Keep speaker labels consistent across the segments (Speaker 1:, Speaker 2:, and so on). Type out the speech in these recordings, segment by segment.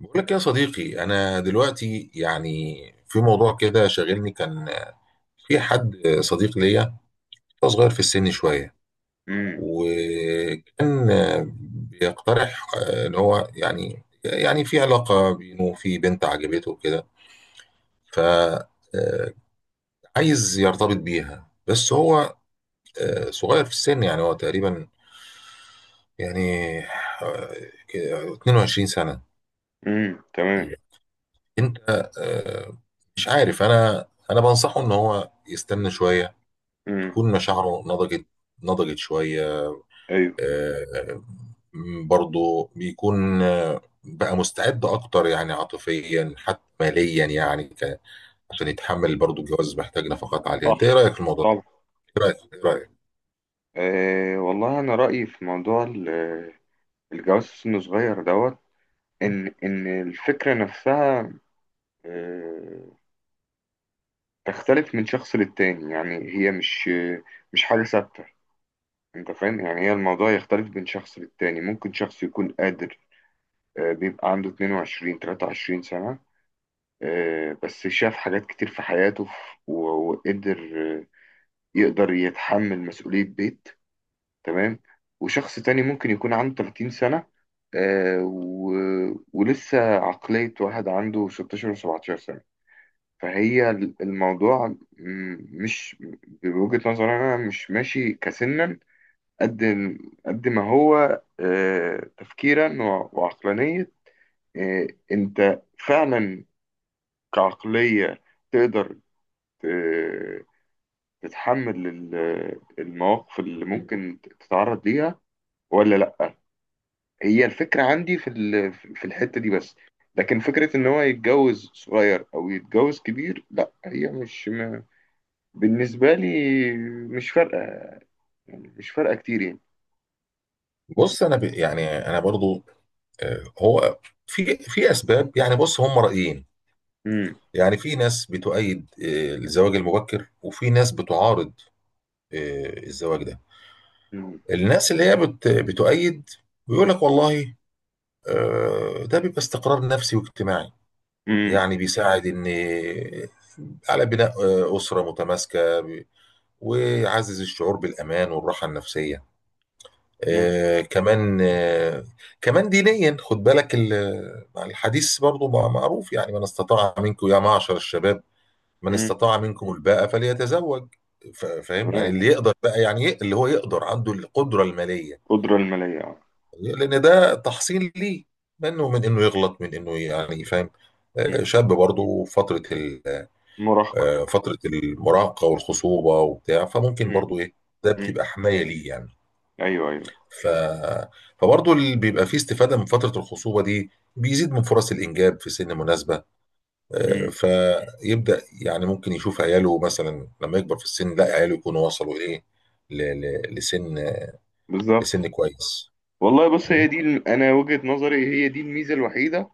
Speaker 1: بقول لك يا صديقي، انا دلوقتي يعني في موضوع كده شاغلني. كان في حد صديق ليا، هو صغير في السن شويه،
Speaker 2: امم.
Speaker 1: وكان بيقترح ان هو يعني في علاقه بينه وفي بنت عجبته كده. ف عايز يرتبط بيها، بس هو صغير في السن. يعني هو تقريبا يعني 22 سنه.
Speaker 2: امم. تمام.
Speaker 1: انت آه، مش عارف. انا بنصحه ان هو يستنى شويه
Speaker 2: امم.
Speaker 1: تكون مشاعره نضجت، نضجت شويه،
Speaker 2: ايوه.
Speaker 1: آه، برضه بيكون بقى مستعد اكتر، يعني عاطفيا حتى ماليا. عشان يتحمل برضه الجواز محتاج نفقات عاليه. انت ايه
Speaker 2: صح.
Speaker 1: رايك في الموضوع ده؟
Speaker 2: طبعا.
Speaker 1: ايه رايك ايه رايك؟
Speaker 2: والله انا رايي في موضوع الجواز في سن صغير دوت. ان الفكره نفسها أه تختلف من شخص للتاني، يعني هي مش حاجه ثابته. انت فاهم؟ يعني هي الموضوع يختلف من شخص للتاني. ممكن شخص يكون قادر، بيبقى عنده 22 23 سنه، بس شاف حاجات كتير في حياته، وقدر، آه، يقدر يتحمل مسؤوليه بيت. تمام. وشخص تاني ممكن يكون عنده 30 سنة، آه، و... ولسه عقلية واحد عنده 16 و17 سنة. فهي الموضوع مش بوجهة نظري أنا مش ماشي كسنا، قد قد ما هو تفكيرا وعقلانية. آه، أنت فعلا كعقلية تقدر ت- تتحمل المواقف اللي ممكن تتعرض ليها ولا لأ. هي الفكرة عندي في الحتة دي بس. لكن فكرة إن هو يتجوز صغير أو يتجوز كبير، لا هي مش بالنسبة لي مش فارقة، يعني مش فارقة كتير يعني.
Speaker 1: بص، انا يعني انا برضه هو في اسباب. يعني بص، هم رايين.
Speaker 2: مم.
Speaker 1: يعني في ناس بتؤيد الزواج المبكر، وفي ناس بتعارض الزواج ده.
Speaker 2: مم.
Speaker 1: الناس اللي هي بتؤيد بيقول لك والله ده بيبقى استقرار نفسي واجتماعي،
Speaker 2: مم.
Speaker 1: يعني بيساعد ان على بناء أسرة متماسكة، ويعزز الشعور بالأمان والراحة النفسية.
Speaker 2: مم.
Speaker 1: آه، كمان آه، كمان دينيا، خد بالك الحديث برضو معروف، يعني: من استطاع منكم يا معشر الشباب، من
Speaker 2: مم.
Speaker 1: استطاع منكم الباءة فليتزوج. فاهم يعني
Speaker 2: تمام.
Speaker 1: اللي يقدر بقى، اللي هو يقدر عنده القدرة المالية.
Speaker 2: قدرة المالية آه.
Speaker 1: لان ده تحصين ليه، منه، من انه يغلط، من انه يعني فاهم.
Speaker 2: مم.
Speaker 1: شاب برضه فتره
Speaker 2: مراهقة.
Speaker 1: فتره المراهقه والخصوبه وبتاع، فممكن
Speaker 2: مم.
Speaker 1: برضه ايه، ده
Speaker 2: مم.
Speaker 1: بتبقى حمايه ليه يعني.
Speaker 2: أيوه، أيوه.
Speaker 1: ف فبرضه اللي بيبقى فيه استفاده من فتره الخصوبه دي بيزيد من فرص الانجاب في سن مناسبه.
Speaker 2: مم.
Speaker 1: فيبدا يعني ممكن يشوف عياله مثلا لما يكبر في السن، لا عياله يكونوا وصلوا ايه، لسن،
Speaker 2: بالظبط.
Speaker 1: لسن كويس.
Speaker 2: والله بص، هي دي أنا وجهة نظري، هي دي الميزة الوحيدة،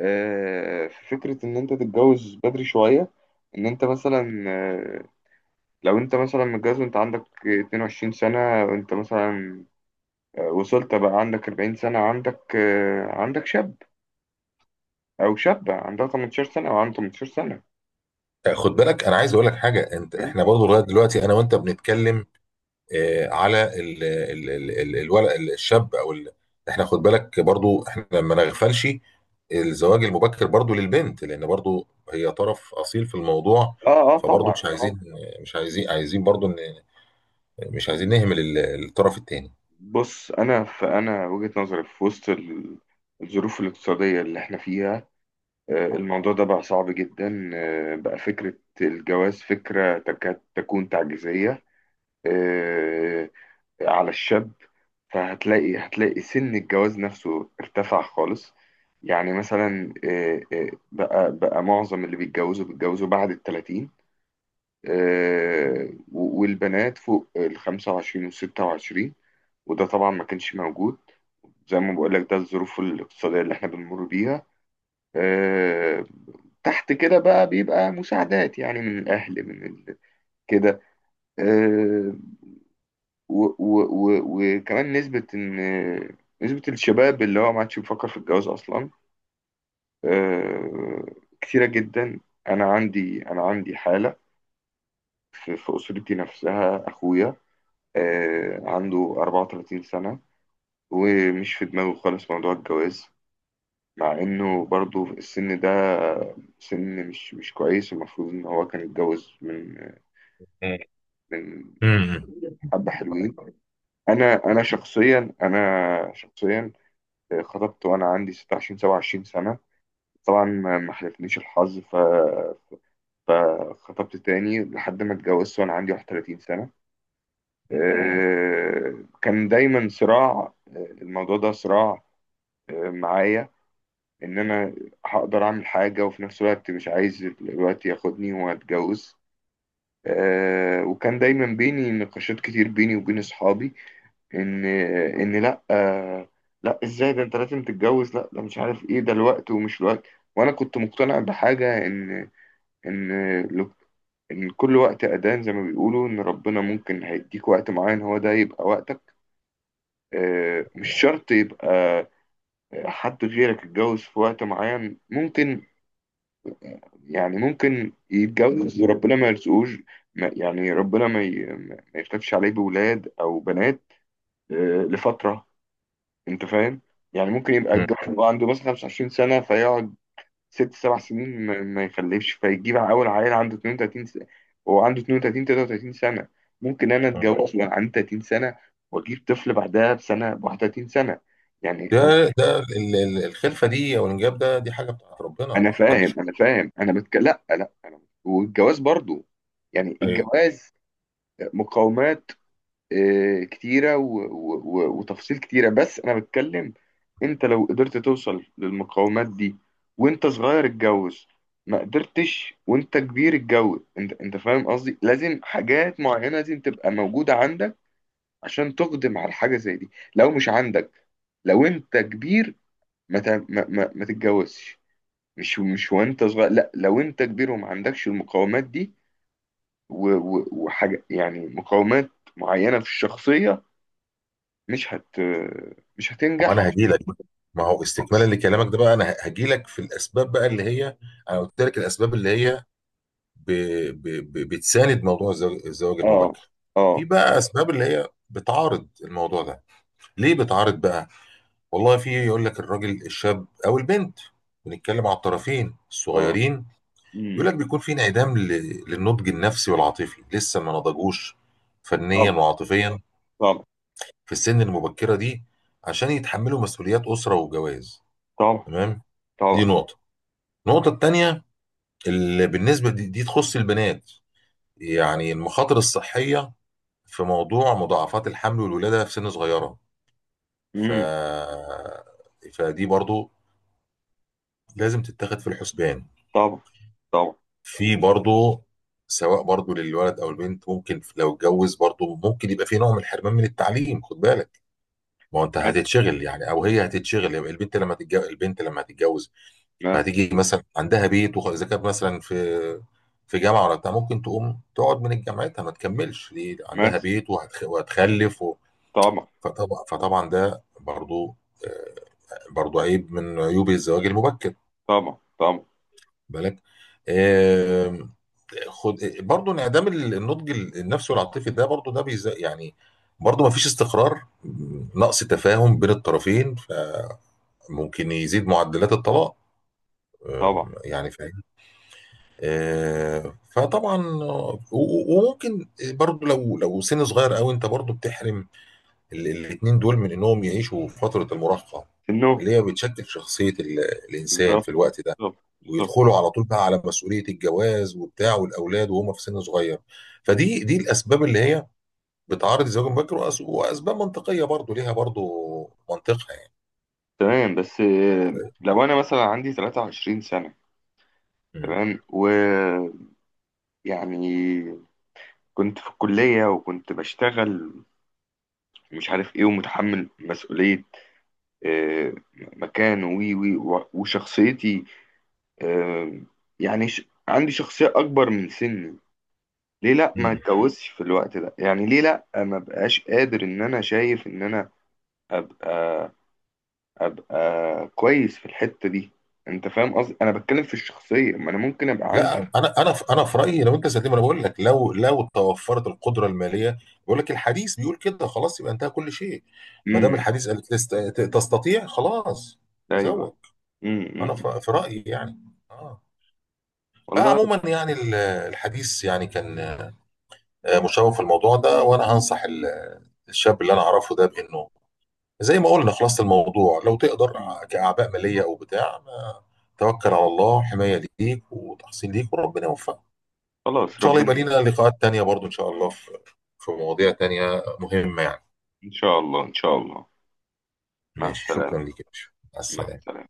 Speaker 2: في فكرة إن أنت تتجوز بدري شوية. إن أنت مثلا لو انت مثلا متجوز وانت عندك 22 سنة، وانت مثلا وصلت بقى عندك 40 سنة، عندك شاب او شابة عندها 18 سنة او عندها 18 سنة.
Speaker 1: خد بالك، انا عايز اقول لك حاجه. انت
Speaker 2: فاهم؟
Speaker 1: احنا برضه لغايه دلوقتي انا وانت بنتكلم على ال الولد الشاب احنا خد بالك برضه احنا ما نغفلش الزواج المبكر برضه للبنت، لان برضه هي طرف اصيل في الموضوع.
Speaker 2: اه، اه،
Speaker 1: فبرضه
Speaker 2: طبعا،
Speaker 1: مش
Speaker 2: طبعا.
Speaker 1: عايزين، عايزين برضه ان مش عايزين نهمل الطرف الثاني.
Speaker 2: بص، فانا وجهة نظري في وسط الظروف الاقتصادية اللي احنا فيها، الموضوع ده بقى صعب جدا، آه، بقى فكرة الجواز فكرة تكاد تكون تعجيزية، آه، على الشاب. فهتلاقي سن الجواز نفسه ارتفع خالص. يعني مثلا بقى معظم اللي بيتجوزوا بعد التلاتين، والبنات فوق الخمسة وعشرين والستة وعشرين. وده طبعا ما كانش موجود. زي ما بقول لك، ده الظروف الاقتصادية اللي احنا بنمر بيها، آه، تحت كده بقى بيبقى مساعدات يعني من الأهل من كده. آه، و و و وكمان نسبة إن نسبة الشباب اللي هو ما عادش بيفكر في الجواز أصلا، آه، كتيرة جدا. أنا عندي حالة في أسرتي نفسها، أخويا عنده 34 سنة ومش في دماغه خالص موضوع الجواز، مع إنه برضه السن ده سن مش كويس، المفروض إن هو كان يتجوز من من
Speaker 1: امم.
Speaker 2: حبة حلوين. أنا شخصيا خطبت وأنا عندي 26 27 سنة. طبعا ما حالفنيش الحظ، فخطبت تاني لحد ما اتجوزت وأنا عندي 31 سنة. كان دايما صراع، الموضوع ده صراع، معايا. إن أنا هقدر أعمل حاجة وفي نفس الوقت مش عايز الوقت ياخدني وأتجوز. وكان دايما بيني نقاشات كتير بيني وبين أصحابي، ان ان لا لا، ازاي ده، انت لازم تتجوز، لا ده مش عارف ايه، ده الوقت ومش الوقت. وانا كنت مقتنع بحاجه، ان لو- ان كل وقت اذان، زي ما بيقولوا، ان ربنا ممكن هيديك وقت معين، هو ده يبقى وقتك. مش شرط يبقى حد غيرك اتجوز في وقت معين، ممكن يعني ممكن يتجوز وربنا ما يرزقوش. يعني ربنا ما يكتبش عليه بولاد او بنات، آه، لفتره. انت فاهم؟ يعني ممكن يبقى الجواز، يبقى عنده مثلا 25 سنة فيقعد ست سبع سنين ما يخلفش، فيجيب أول عيل عنده 32 سنة، هو عنده 32 33 سنة. ممكن أنا أتجوز وأنا عندي 30 سنة وأجيب طفل بعدها بسنة ب 31 سنة. يعني
Speaker 1: ده الخلفه دي او الانجاب ده دي حاجه بتاعت ربنا،
Speaker 2: أنا
Speaker 1: ما
Speaker 2: فاهم
Speaker 1: حدش.
Speaker 2: أنا فاهم لا، لا، أنا والجواز برضو، يعني
Speaker 1: ايوه.
Speaker 2: الجواز مقاومات كتيرة و... و... و... وتفاصيل كتيرة، بس أنا بتكلم. أنت لو قدرت توصل للمقاومات دي وأنت صغير، اتجوز. ما قدرتش وأنت كبير، اتجوز. أنت فاهم قصدي، لازم حاجات معينة لازم تبقى موجودة عندك عشان تقدم على حاجة زي دي. لو مش عندك، لو أنت كبير، ما ت... ما... ما... ما تتجوزش. مش وأنت صغير، لا، لو أنت كبير وما عندكش المقاومات دي و... و... وحاجة، يعني مقاومات معينة في الشخصية، مش هت مش هتنجح
Speaker 1: انا هجي لك، ما هو
Speaker 2: خالص.
Speaker 1: استكمالا لكلامك ده بقى. انا هجي لك في الاسباب بقى اللي هي، انا قلت لك الاسباب اللي هي ب... ب... بتساند موضوع الزواج
Speaker 2: اه،
Speaker 1: المبكر. في
Speaker 2: اه،
Speaker 1: بقى اسباب اللي هي بتعارض الموضوع ده. ليه بتعارض بقى؟ والله، في يقول لك الراجل الشاب او البنت، بنتكلم على الطرفين
Speaker 2: اه.
Speaker 1: الصغيرين،
Speaker 2: امم.
Speaker 1: يقول لك بيكون في انعدام للنضج النفسي والعاطفي، لسه ما نضجوش فنيا
Speaker 2: طبعا،
Speaker 1: وعاطفيا
Speaker 2: طبعا،
Speaker 1: في السن المبكرة دي عشان يتحملوا مسؤوليات أسرة وجواز.
Speaker 2: طبعا،
Speaker 1: تمام. دي
Speaker 2: طبعا.
Speaker 1: نقطة. النقطة التانية، اللي بالنسبة دي تخص البنات، يعني المخاطر الصحية في موضوع مضاعفات الحمل والولادة في سن صغيرة. ف...
Speaker 2: امم.
Speaker 1: فدي برضو لازم تتاخد في الحسبان.
Speaker 2: طبعا، طبعا.
Speaker 1: في برضو، سواء برضو للولد او البنت، ممكن لو اتجوز برضو ممكن يبقى في نوع من الحرمان من التعليم. خد بالك، ما هو انت
Speaker 2: بس،
Speaker 1: هتتشغل يعني، او هي هتتشغل البنت لما تتجوز، البنت لما هتتجوز
Speaker 2: بس،
Speaker 1: فهتيجي مثلا عندها بيت، اذا كانت مثلا في جامعه ولا بتاع، ممكن تقوم تقعد من جامعتها ما تكملش، دي عندها
Speaker 2: بس.
Speaker 1: بيت وهتخلف و...
Speaker 2: طبعا،
Speaker 1: فطبعا ده برضو آه، برضو عيب من عيوب الزواج المبكر.
Speaker 2: طبعا، طبعا،
Speaker 1: بالك. آم، خد برضو انعدام النضج النفسي والعاطفي. ده برضو ده يعني برضو ما فيش استقرار. نقص تفاهم بين الطرفين فممكن يزيد معدلات الطلاق.
Speaker 2: طبعا.
Speaker 1: يعني فطبعا وممكن برضو لو سن صغير قوي، انت برضو بتحرم الاتنين دول من انهم يعيشوا في فترة المراهقة
Speaker 2: في النوم.
Speaker 1: اللي هي بتشكل شخصية الانسان في
Speaker 2: بالظبط،
Speaker 1: الوقت ده،
Speaker 2: بالظبط، بالظبط.
Speaker 1: ويدخلوا على طول بقى على مسؤولية الجواز وبتاع والاولاد وهم في سن صغير. فدي الاسباب اللي هي بتعرض الزواج المبكر، واسباب منطقية برضو ليها برضو منطقها يعني.
Speaker 2: تمام. بس لو انا مثلا عندي 23 سنة،
Speaker 1: م.
Speaker 2: تمام، ويعني كنت في الكلية وكنت بشتغل مش عارف ايه، ومتحمل مسؤولية آه، مكان، وي وي وشخصيتي، آه، عندي شخصية أكبر من سني، ليه لأ ما
Speaker 1: م.
Speaker 2: اتجوزش في الوقت ده؟ يعني ليه لأ ما بقاش قادر؟ إن أنا شايف إن أنا أبقى أبقى كويس في الحتة دي. أنت فاهم قصدي؟ أنا بتكلم في الشخصية، ما أنا ممكن أبقى عندي.
Speaker 1: لا، انا في رايي، لو انت زي ما انا بقول لك، لو توفرت القدره الماليه، بقول لك الحديث بيقول كده، خلاص يبقى انتهى كل شيء. ما دام
Speaker 2: امم.
Speaker 1: الحديث قال تستطيع، خلاص
Speaker 2: أيوه.
Speaker 1: تزوج.
Speaker 2: امم.
Speaker 1: انا
Speaker 2: أمم.
Speaker 1: في رايي يعني. اه. بقى
Speaker 2: والله رب...
Speaker 1: عموما يعني الحديث يعني كان مشوق في الموضوع ده. وانا هنصح الشاب اللي انا اعرفه ده بانه، زي ما قلنا، خلاصه الموضوع: لو تقدر
Speaker 2: مم.
Speaker 1: كاعباء ماليه او بتاع، ما توكل على الله، حمايه ليك وتحصين ليك وربنا يوفقك. وان
Speaker 2: خلاص،
Speaker 1: شاء الله يبقى
Speaker 2: ربنا.
Speaker 1: لينا لقاءات تانية برضو ان شاء الله في مواضيع تانية مهمة يعني.
Speaker 2: إن شاء الله، إن شاء الله. مع
Speaker 1: ماشي،
Speaker 2: السلامة.
Speaker 1: شكرا ليك يا باشا، مع
Speaker 2: مع
Speaker 1: السلامة.
Speaker 2: السلامة.